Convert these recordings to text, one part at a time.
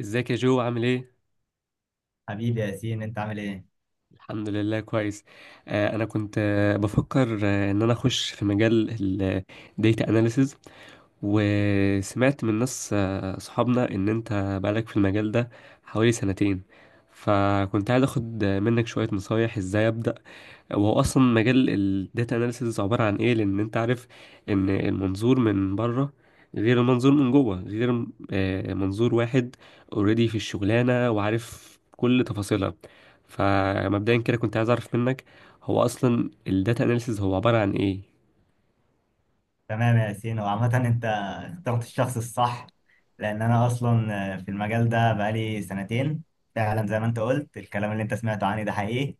ازيك يا جو عامل ايه؟ حبيبي يا ياسين، انت عامل ايه؟ الحمد لله كويس. انا كنت بفكر ان انا اخش في مجال الديتا اناليسز. وسمعت من ناس صحابنا ان انت بقالك في المجال ده حوالي سنتين، فكنت عايز اخد منك شوية نصايح ازاي ابدأ، وهو اصلا مجال الداتا اناليسز عباره عن ايه؟ لان انت عارف ان المنظور من بره غير المنظور من جوه، غير منظور واحد اوريدي في الشغلانه وعارف كل تفاصيلها. فمبدئيا كده كنت عايز اعرف منك، هو اصلا الداتا اناليسز هو عباره عن ايه؟ تمام يا ياسين. وعامة انت اخترت الشخص الصح، لان انا اصلا في المجال ده بقالي سنتين. فعلا زي ما انت قلت، الكلام اللي انت سمعته عني ده حقيقي.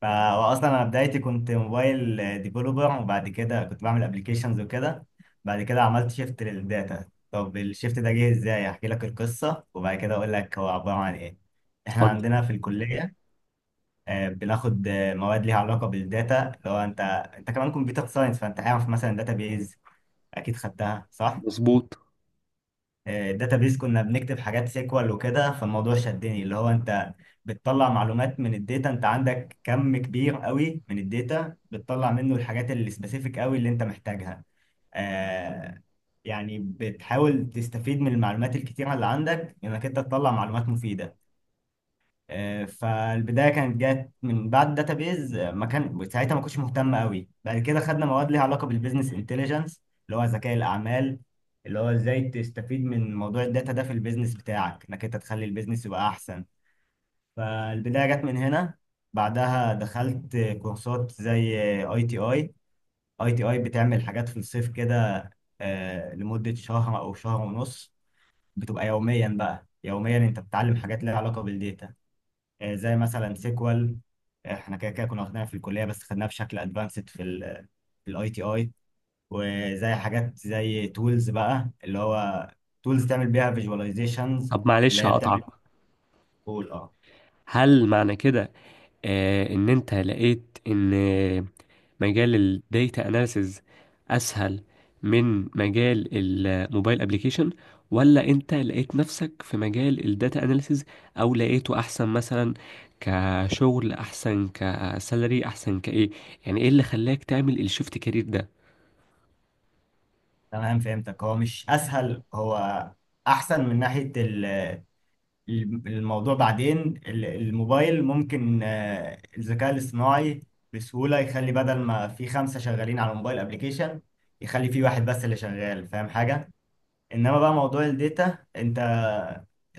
فا واصلا انا بدايتي كنت موبايل ديفلوبر، وبعد كده كنت بعمل ابلكيشنز وكده. بعد كده عملت شيفت للداتا. طب الشيفت ده جه ازاي؟ احكي لك القصة وبعد كده اقول لك هو عبارة عن ايه. احنا اتفضل. عندنا في الكلية بناخد مواد ليها علاقة بالداتا. لو انت انت كمان كمبيوتر ساينس، فانت عارف مثلا داتا بيز، اكيد خدتها صح. مظبوط. الداتا بيز كنا بنكتب حاجات سيكوال وكده، فالموضوع شدني. اللي هو انت بتطلع معلومات من الداتا، انت عندك كم كبير قوي من الداتا بتطلع منه الحاجات اللي سبيسيفيك قوي اللي انت محتاجها. آه، يعني بتحاول تستفيد من المعلومات الكتيرة اللي عندك انك انت تطلع معلومات مفيدة. فالبدايه كانت جت من بعد داتابيز، ما كان ساعتها ما كنتش مهتم قوي. بعد كده خدنا مواد ليها علاقه بالبيزنس انتليجنس، اللي هو ذكاء الاعمال، اللي هو ازاي تستفيد من موضوع الداتا ده في البيزنس بتاعك، انك انت تخلي البيزنس يبقى احسن. فالبدايه جت من هنا. بعدها دخلت كورسات زي اي تي اي. اي تي اي بتعمل حاجات في الصيف كده، لمده شهر او شهر ونص. بتبقى يوميا، بقى يوميا انت بتتعلم حاجات ليها علاقه بالداتا، زي مثلا سيكوال. احنا كده كده كنا واخدينها في الكليه، بس خدناها بشكل ادفانسد في في الاي تي اي. وزي حاجات زي تولز بقى، اللي هو تولز تعمل بيها فيجواليزيشنز، طب اللي معلش هي هقطعك، بتعمل. قول اه. هل معنى كده ان انت لقيت ان مجال الديتا اناليسز اسهل من مجال الموبايل ابليكيشن، ولا انت لقيت نفسك في مجال الداتا اناليسز او لقيته احسن مثلا، كشغل احسن، كسالري احسن، كايه؟ يعني ايه اللي خلاك تعمل الشيفت كارير ده؟ تمام، فهمتك. هو مش اسهل، هو احسن من ناحيه الموضوع. بعدين الموبايل ممكن الذكاء الاصطناعي بسهوله يخلي بدل ما في خمسه شغالين على الموبايل ابلكيشن، يخلي في واحد بس اللي شغال فاهم حاجه. انما بقى موضوع الداتا، انت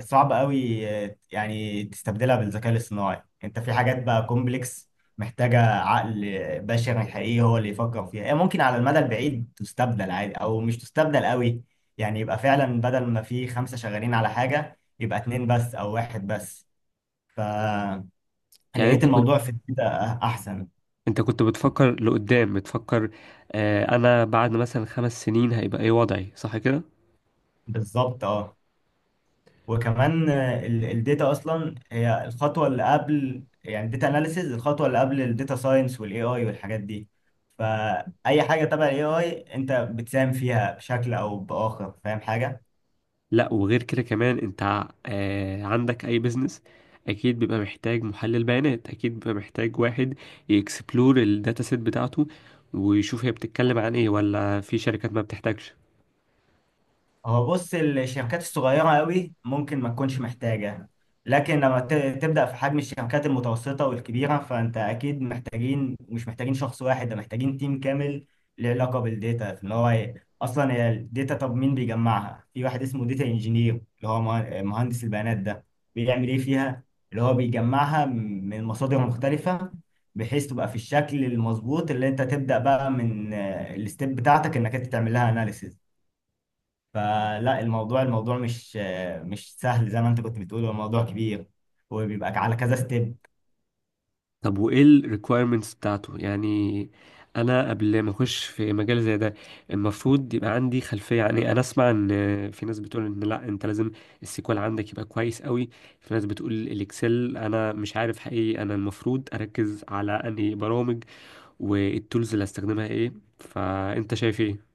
صعب قوي يعني تستبدلها بالذكاء الاصطناعي. انت في حاجات بقى كومبلكس، محتاجة عقل بشري حقيقي هو اللي يفكر فيها. هي ممكن على المدى البعيد تستبدل عادي، او مش تستبدل قوي. يعني يبقى فعلا بدل ما في خمسة شغالين على حاجة يبقى اتنين بس او واحد بس. فلقيت يعني انت كنت، الموضوع في الداتا احسن. انت كنت بتفكر لقدام، بتفكر انا بعد مثلا خمس سنين هيبقى ايه وضعي، صح كده؟ بالظبط اه. وكمان الداتا اصلا هي الخطوه اللي قبل، يعني الداتا اناليسيز الخطوه اللي قبل الداتا ساينس والاي اي والحاجات دي. فاي حاجه تبع الاي اي انت بتساهم فيها بشكل او باخر. فاهم حاجه. لا، وغير كده كمان انت عندك اي بيزنس اكيد بيبقى محتاج محلل بيانات، اكيد بيبقى محتاج واحد يكسبلور الداتا سيت بتاعته ويشوف هي بتتكلم عن ايه، ولا في شركات ما بتحتاجش؟ هو بص، الشركات الصغيرة قوي ممكن ما تكونش محتاجة، لكن لما تبدأ في حجم الشركات المتوسطة والكبيرة، فأنت أكيد محتاجين، مش محتاجين شخص واحد ده، محتاجين تيم كامل له علاقة بالديتا. في إن هو أصلا هي الداتا، طب مين بيجمعها؟ في واحد اسمه داتا انجينير، اللي هو مهندس البيانات. ده بيعمل إيه فيها؟ اللي هو بيجمعها من مصادر مختلفة، بحيث تبقى في الشكل المظبوط اللي أنت تبدأ بقى من الستيب بتاعتك، إنك أنت تعمل لها أناليسيز. فلا الموضوع، مش سهل زي ما انت كنت بتقول. هو الموضوع كبير وبيبقى على كذا ستيب. طب وايه الريكويرمنتس بتاعته يعني؟ انا قبل ما اخش في مجال زي ده المفروض يبقى عندي خلفيه. يعني انا اسمع ان في ناس بتقول ان لا انت لازم السيكوال عندك يبقى كويس قوي، في ناس بتقول الاكسل، انا مش عارف حقيقي انا المفروض اركز على انهي برامج، والتولز اللي هستخدمها ايه، فانت شايف ايه؟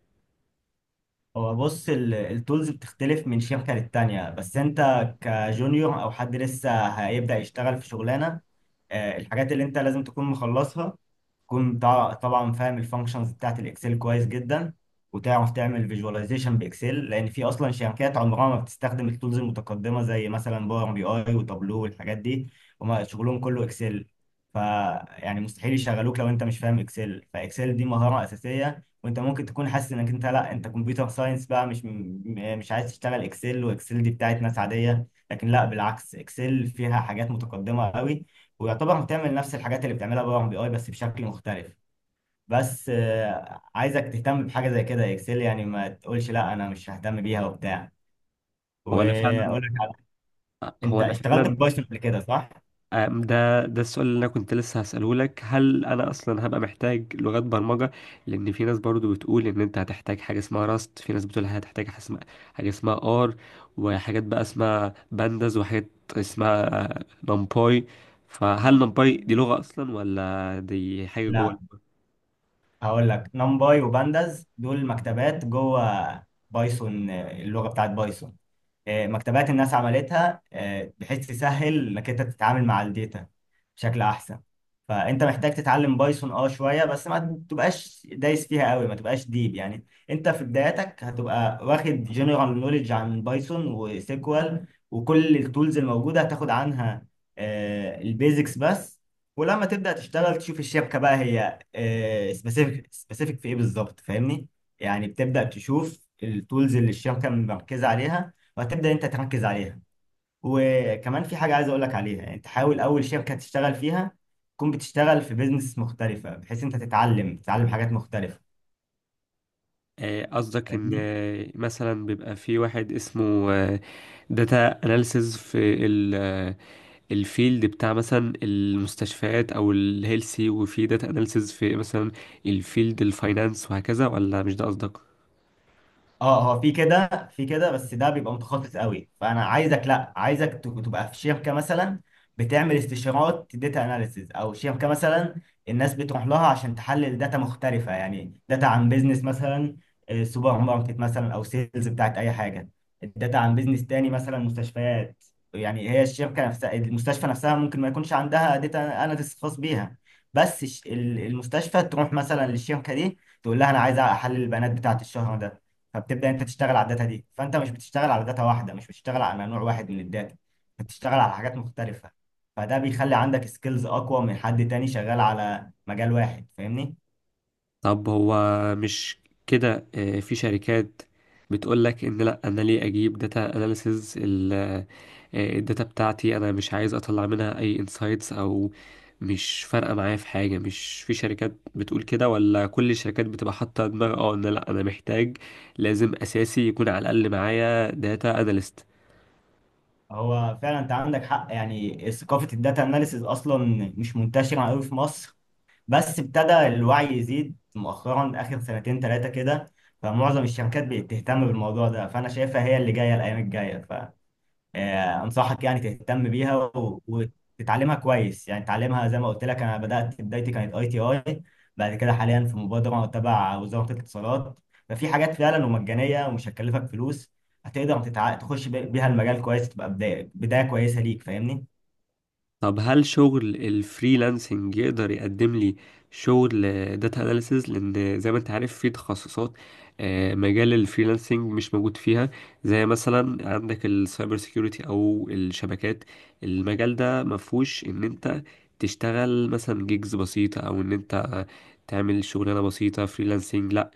هو بص، التولز بتختلف من شركة للتانية. بس انت كجونيور او حد لسه هيبدأ يشتغل في شغلانة، الحاجات اللي انت لازم تكون مخلصها، تكون طبعا فاهم الفانكشنز بتاعت الاكسل كويس جدا، وتعرف تعمل فيجواليزيشن باكسل. لان في اصلا شركات عمرها ما بتستخدم التولز المتقدمة زي مثلا باور بي اي وتابلو والحاجات دي، هما شغلهم كله اكسل. ف يعني مستحيل يشغلوك لو انت مش فاهم اكسل. فاكسل دي مهارة اساسية. وانت ممكن تكون حاسس انك انت لا، انت كمبيوتر ساينس بقى مش مش عايز تشتغل اكسل، واكسل دي بتاعت ناس عاديه. لكن لا، بالعكس، اكسل فيها حاجات متقدمه قوي، ويعتبر بتعمل نفس الحاجات اللي بتعملها باور بي اي بس بشكل مختلف. بس عايزك تهتم بحاجه زي كده. اكسل يعني ما تقولش لا انا مش ههتم بيها وبتاع. هو انا واقول فعلا لك على- انت هو انا اشتغلت فعلا، ببايثون قبل كده صح؟ ده السؤال اللي انا كنت لسه هسأله لك، هل انا اصلا هبقى محتاج لغات برمجة؟ لان في ناس برضو بتقول ان انت هتحتاج حاجة اسمها راست، في ناس بتقول هتحتاج حاجة اسمها ار، وحاجات بقى اسمها بانداز، وحاجات اسمها نمباي. فهل نمباي دي لغة اصلا ولا دي حاجة جوه؟ لا. هقول لك، نمباي وبانداز دول مكتبات جوه بايثون. اللغه بتاعت بايثون، مكتبات الناس عملتها بحيث تسهل انك انت تتعامل مع الداتا بشكل احسن. فانت محتاج تتعلم بايثون اه شويه بس، ما تبقاش دايس فيها قوي، ما تبقاش ديب. يعني انت في بداياتك هتبقى واخد جنرال نوليدج عن بايثون وسيكوال وكل التولز الموجوده، هتاخد عنها البيزكس بس. ولما تبدا تشتغل تشوف الشبكه بقى، هي سبيسيفيك في ايه بالظبط، فاهمني؟ يعني بتبدا تشوف التولز اللي الشبكه مركزه عليها، وهتبدأ انت تركز عليها. وكمان في حاجة عايز اقول لك عليها، يعني تحاول اول شركة تشتغل فيها تكون بتشتغل في بيزنس مختلفة، بحيث انت تتعلم حاجات مختلفة. قصدك ان فاهمني؟ مثلا بيبقى في واحد اسمه داتا اناليسز في الفيلد بتاع مثلا المستشفيات او الهيلسي، وفي داتا اناليسز في مثلا الفيلد الفاينانس، وهكذا؟ ولا مش ده قصدك؟ اه، هو في كده في كده، بس ده بيبقى متخصص قوي. فانا عايزك لا، عايزك تبقى في شركه مثلا بتعمل استشارات داتا اناليسيز، او شركه مثلا الناس بتروح لها عشان تحلل داتا مختلفه. يعني داتا عن بيزنس، مثلا سوبر ماركت مثلا، او سيلز بتاعت اي حاجه، الداتا عن بيزنس تاني مثلا مستشفيات. يعني هي الشركه نفسها، المستشفى نفسها ممكن ما يكونش عندها داتا اناليسيز خاص بيها، بس المستشفى تروح مثلا للشركه دي، تقول لها انا عايز احلل البيانات بتاعت الشهر ده. فبتبدا انت تشتغل على الداتا دي. فانت مش بتشتغل على داتا واحده، مش بتشتغل على نوع واحد من الداتا، بتشتغل على حاجات مختلفه. فده بيخلي عندك سكيلز اقوى من حد تاني شغال على مجال واحد، فاهمني؟ طب هو مش كده في شركات بتقول لك ان لا انا ليه اجيب داتا اناليسز، الداتا بتاعتي انا مش عايز اطلع منها اي انسايتس او مش فارقه معايا في حاجه؟ مش في شركات بتقول كده؟ ولا كل الشركات بتبقى حاطه دماغ اه ان لا انا محتاج لازم اساسي يكون على الاقل معايا داتا اناليست؟ هو فعلا انت عندك حق. يعني ثقافه الداتا اناليسز اصلا مش منتشره قوي في مصر، بس ابتدى الوعي يزيد مؤخرا اخر سنتين ثلاثه كده. فمعظم الشركات بقت تهتم بالموضوع ده، فانا شايفها هي اللي جايه الايام الجايه. ف انصحك يعني تهتم بيها وتتعلمها كويس. يعني تعلمها زي ما قلت لك، انا بدات بدايتي كانت اي تي اي. بعد كده حاليا في مبادره تبع وزاره الاتصالات، ففي حاجات فعلا ومجانيه ومش هتكلفك فلوس. هتقدر تخش بيها المجال كويس، تبقى بدايه كويسه ليك، فاهمني؟ طب هل شغل الفريلانسنج يقدر يقدم لي شغل داتا اناليسز؟ لان زي ما انت عارف في تخصصات مجال الفريلانسنج مش موجود فيها، زي مثلا عندك السايبر سيكيورتي او الشبكات، المجال ده مفهوش ان انت تشتغل مثلا جيجز بسيطة او ان انت تعمل شغلانة بسيطة فريلانسنج، لا.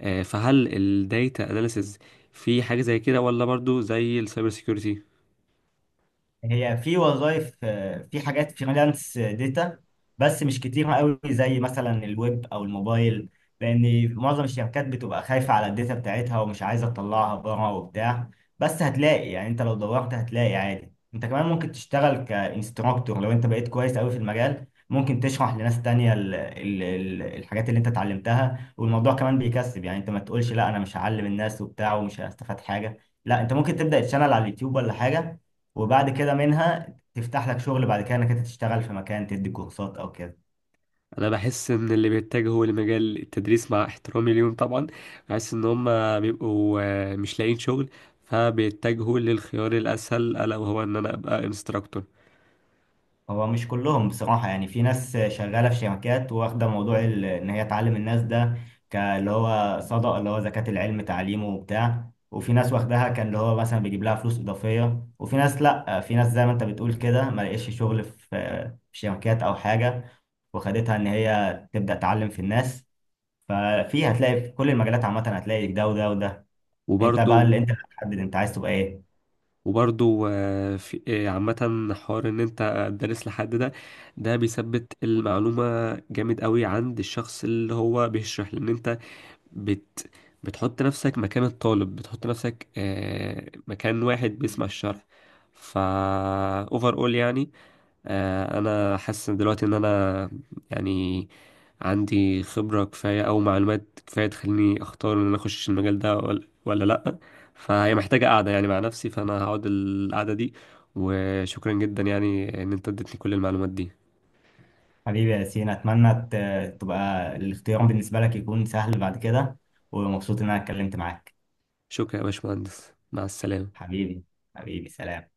فهل الداتا اناليسز في حاجة زي كده، ولا برضو زي السايبر سيكيورتي؟ هي في وظائف، في حاجات فريلانس داتا بس مش كتيرة قوي زي مثلا الويب او الموبايل، لان معظم الشركات بتبقى خايفة على الداتا بتاعتها ومش عايزة تطلعها بره وبتاع. بس هتلاقي، يعني انت لو دورت هتلاقي عادي. انت كمان ممكن تشتغل كانستراكتور، لو انت بقيت كويس قوي في المجال ممكن تشرح لناس تانية ال ال ال الحاجات اللي انت اتعلمتها. والموضوع كمان بيكسب، يعني انت ما تقولش لا انا مش هعلم الناس وبتاع ومش هستفاد حاجة. لا، انت ممكن تبدأ تشانل على اليوتيوب ولا حاجة، وبعد كده منها تفتح لك شغل، بعد كده انك انت تشتغل في مكان تدي كورسات او كده. انا بحس ان اللي بيتجهوا لمجال التدريس، مع احترامي ليهم طبعا، بحس ان هم بيبقوا مش لاقيين شغل فبيتجهوا للخيار الاسهل، الا وهو ان انا ابقى انستراكتور. هو مش كلهم بصراحة، يعني في ناس شغالة في شركات واخدة موضوع ان هي تعلم الناس ده، اللي هو صدقة، اللي هو زكاة العلم تعليمه وبتاع. وفي ناس واخداها كان اللي هو مثلا بيجيب لها فلوس إضافية. وفي ناس لأ، في ناس زي ما انت بتقول كده ما لقيتش شغل في شركات او حاجة، وخدتها ان هي تبدأ تعلم في الناس. ففي هتلاقي في كل المجالات عامة هتلاقي ده وده وده. انت وبرضو بقى اللي انت هتحدد انت عايز تبقى ايه. وبرضو في عامة حوار ان انت تدرس لحد، ده ده بيثبت المعلومة جامد قوي عند الشخص اللي هو بيشرح، لان انت بت بتحط نفسك مكان الطالب، بتحط نفسك مكان واحد بيسمع الشرح. فا اوفر اول يعني انا حاسس إن دلوقتي ان انا يعني عندي خبرة كفاية او معلومات كفاية تخليني اختار ان انا اخش المجال ده ولا، لا. فهي محتاجة قعدة يعني مع نفسي، فانا هقعد القعدة دي. وشكرا جدا يعني ان انت اديتني كل المعلومات دي. حبيبي يا ياسين، أتمنى تبقى الاختيار بالنسبة لك يكون سهل بعد كده. ومبسوط إن أنا اتكلمت معاك. شكرا يا باشمهندس، مع السلامة. حبيبي، حبيبي سلام.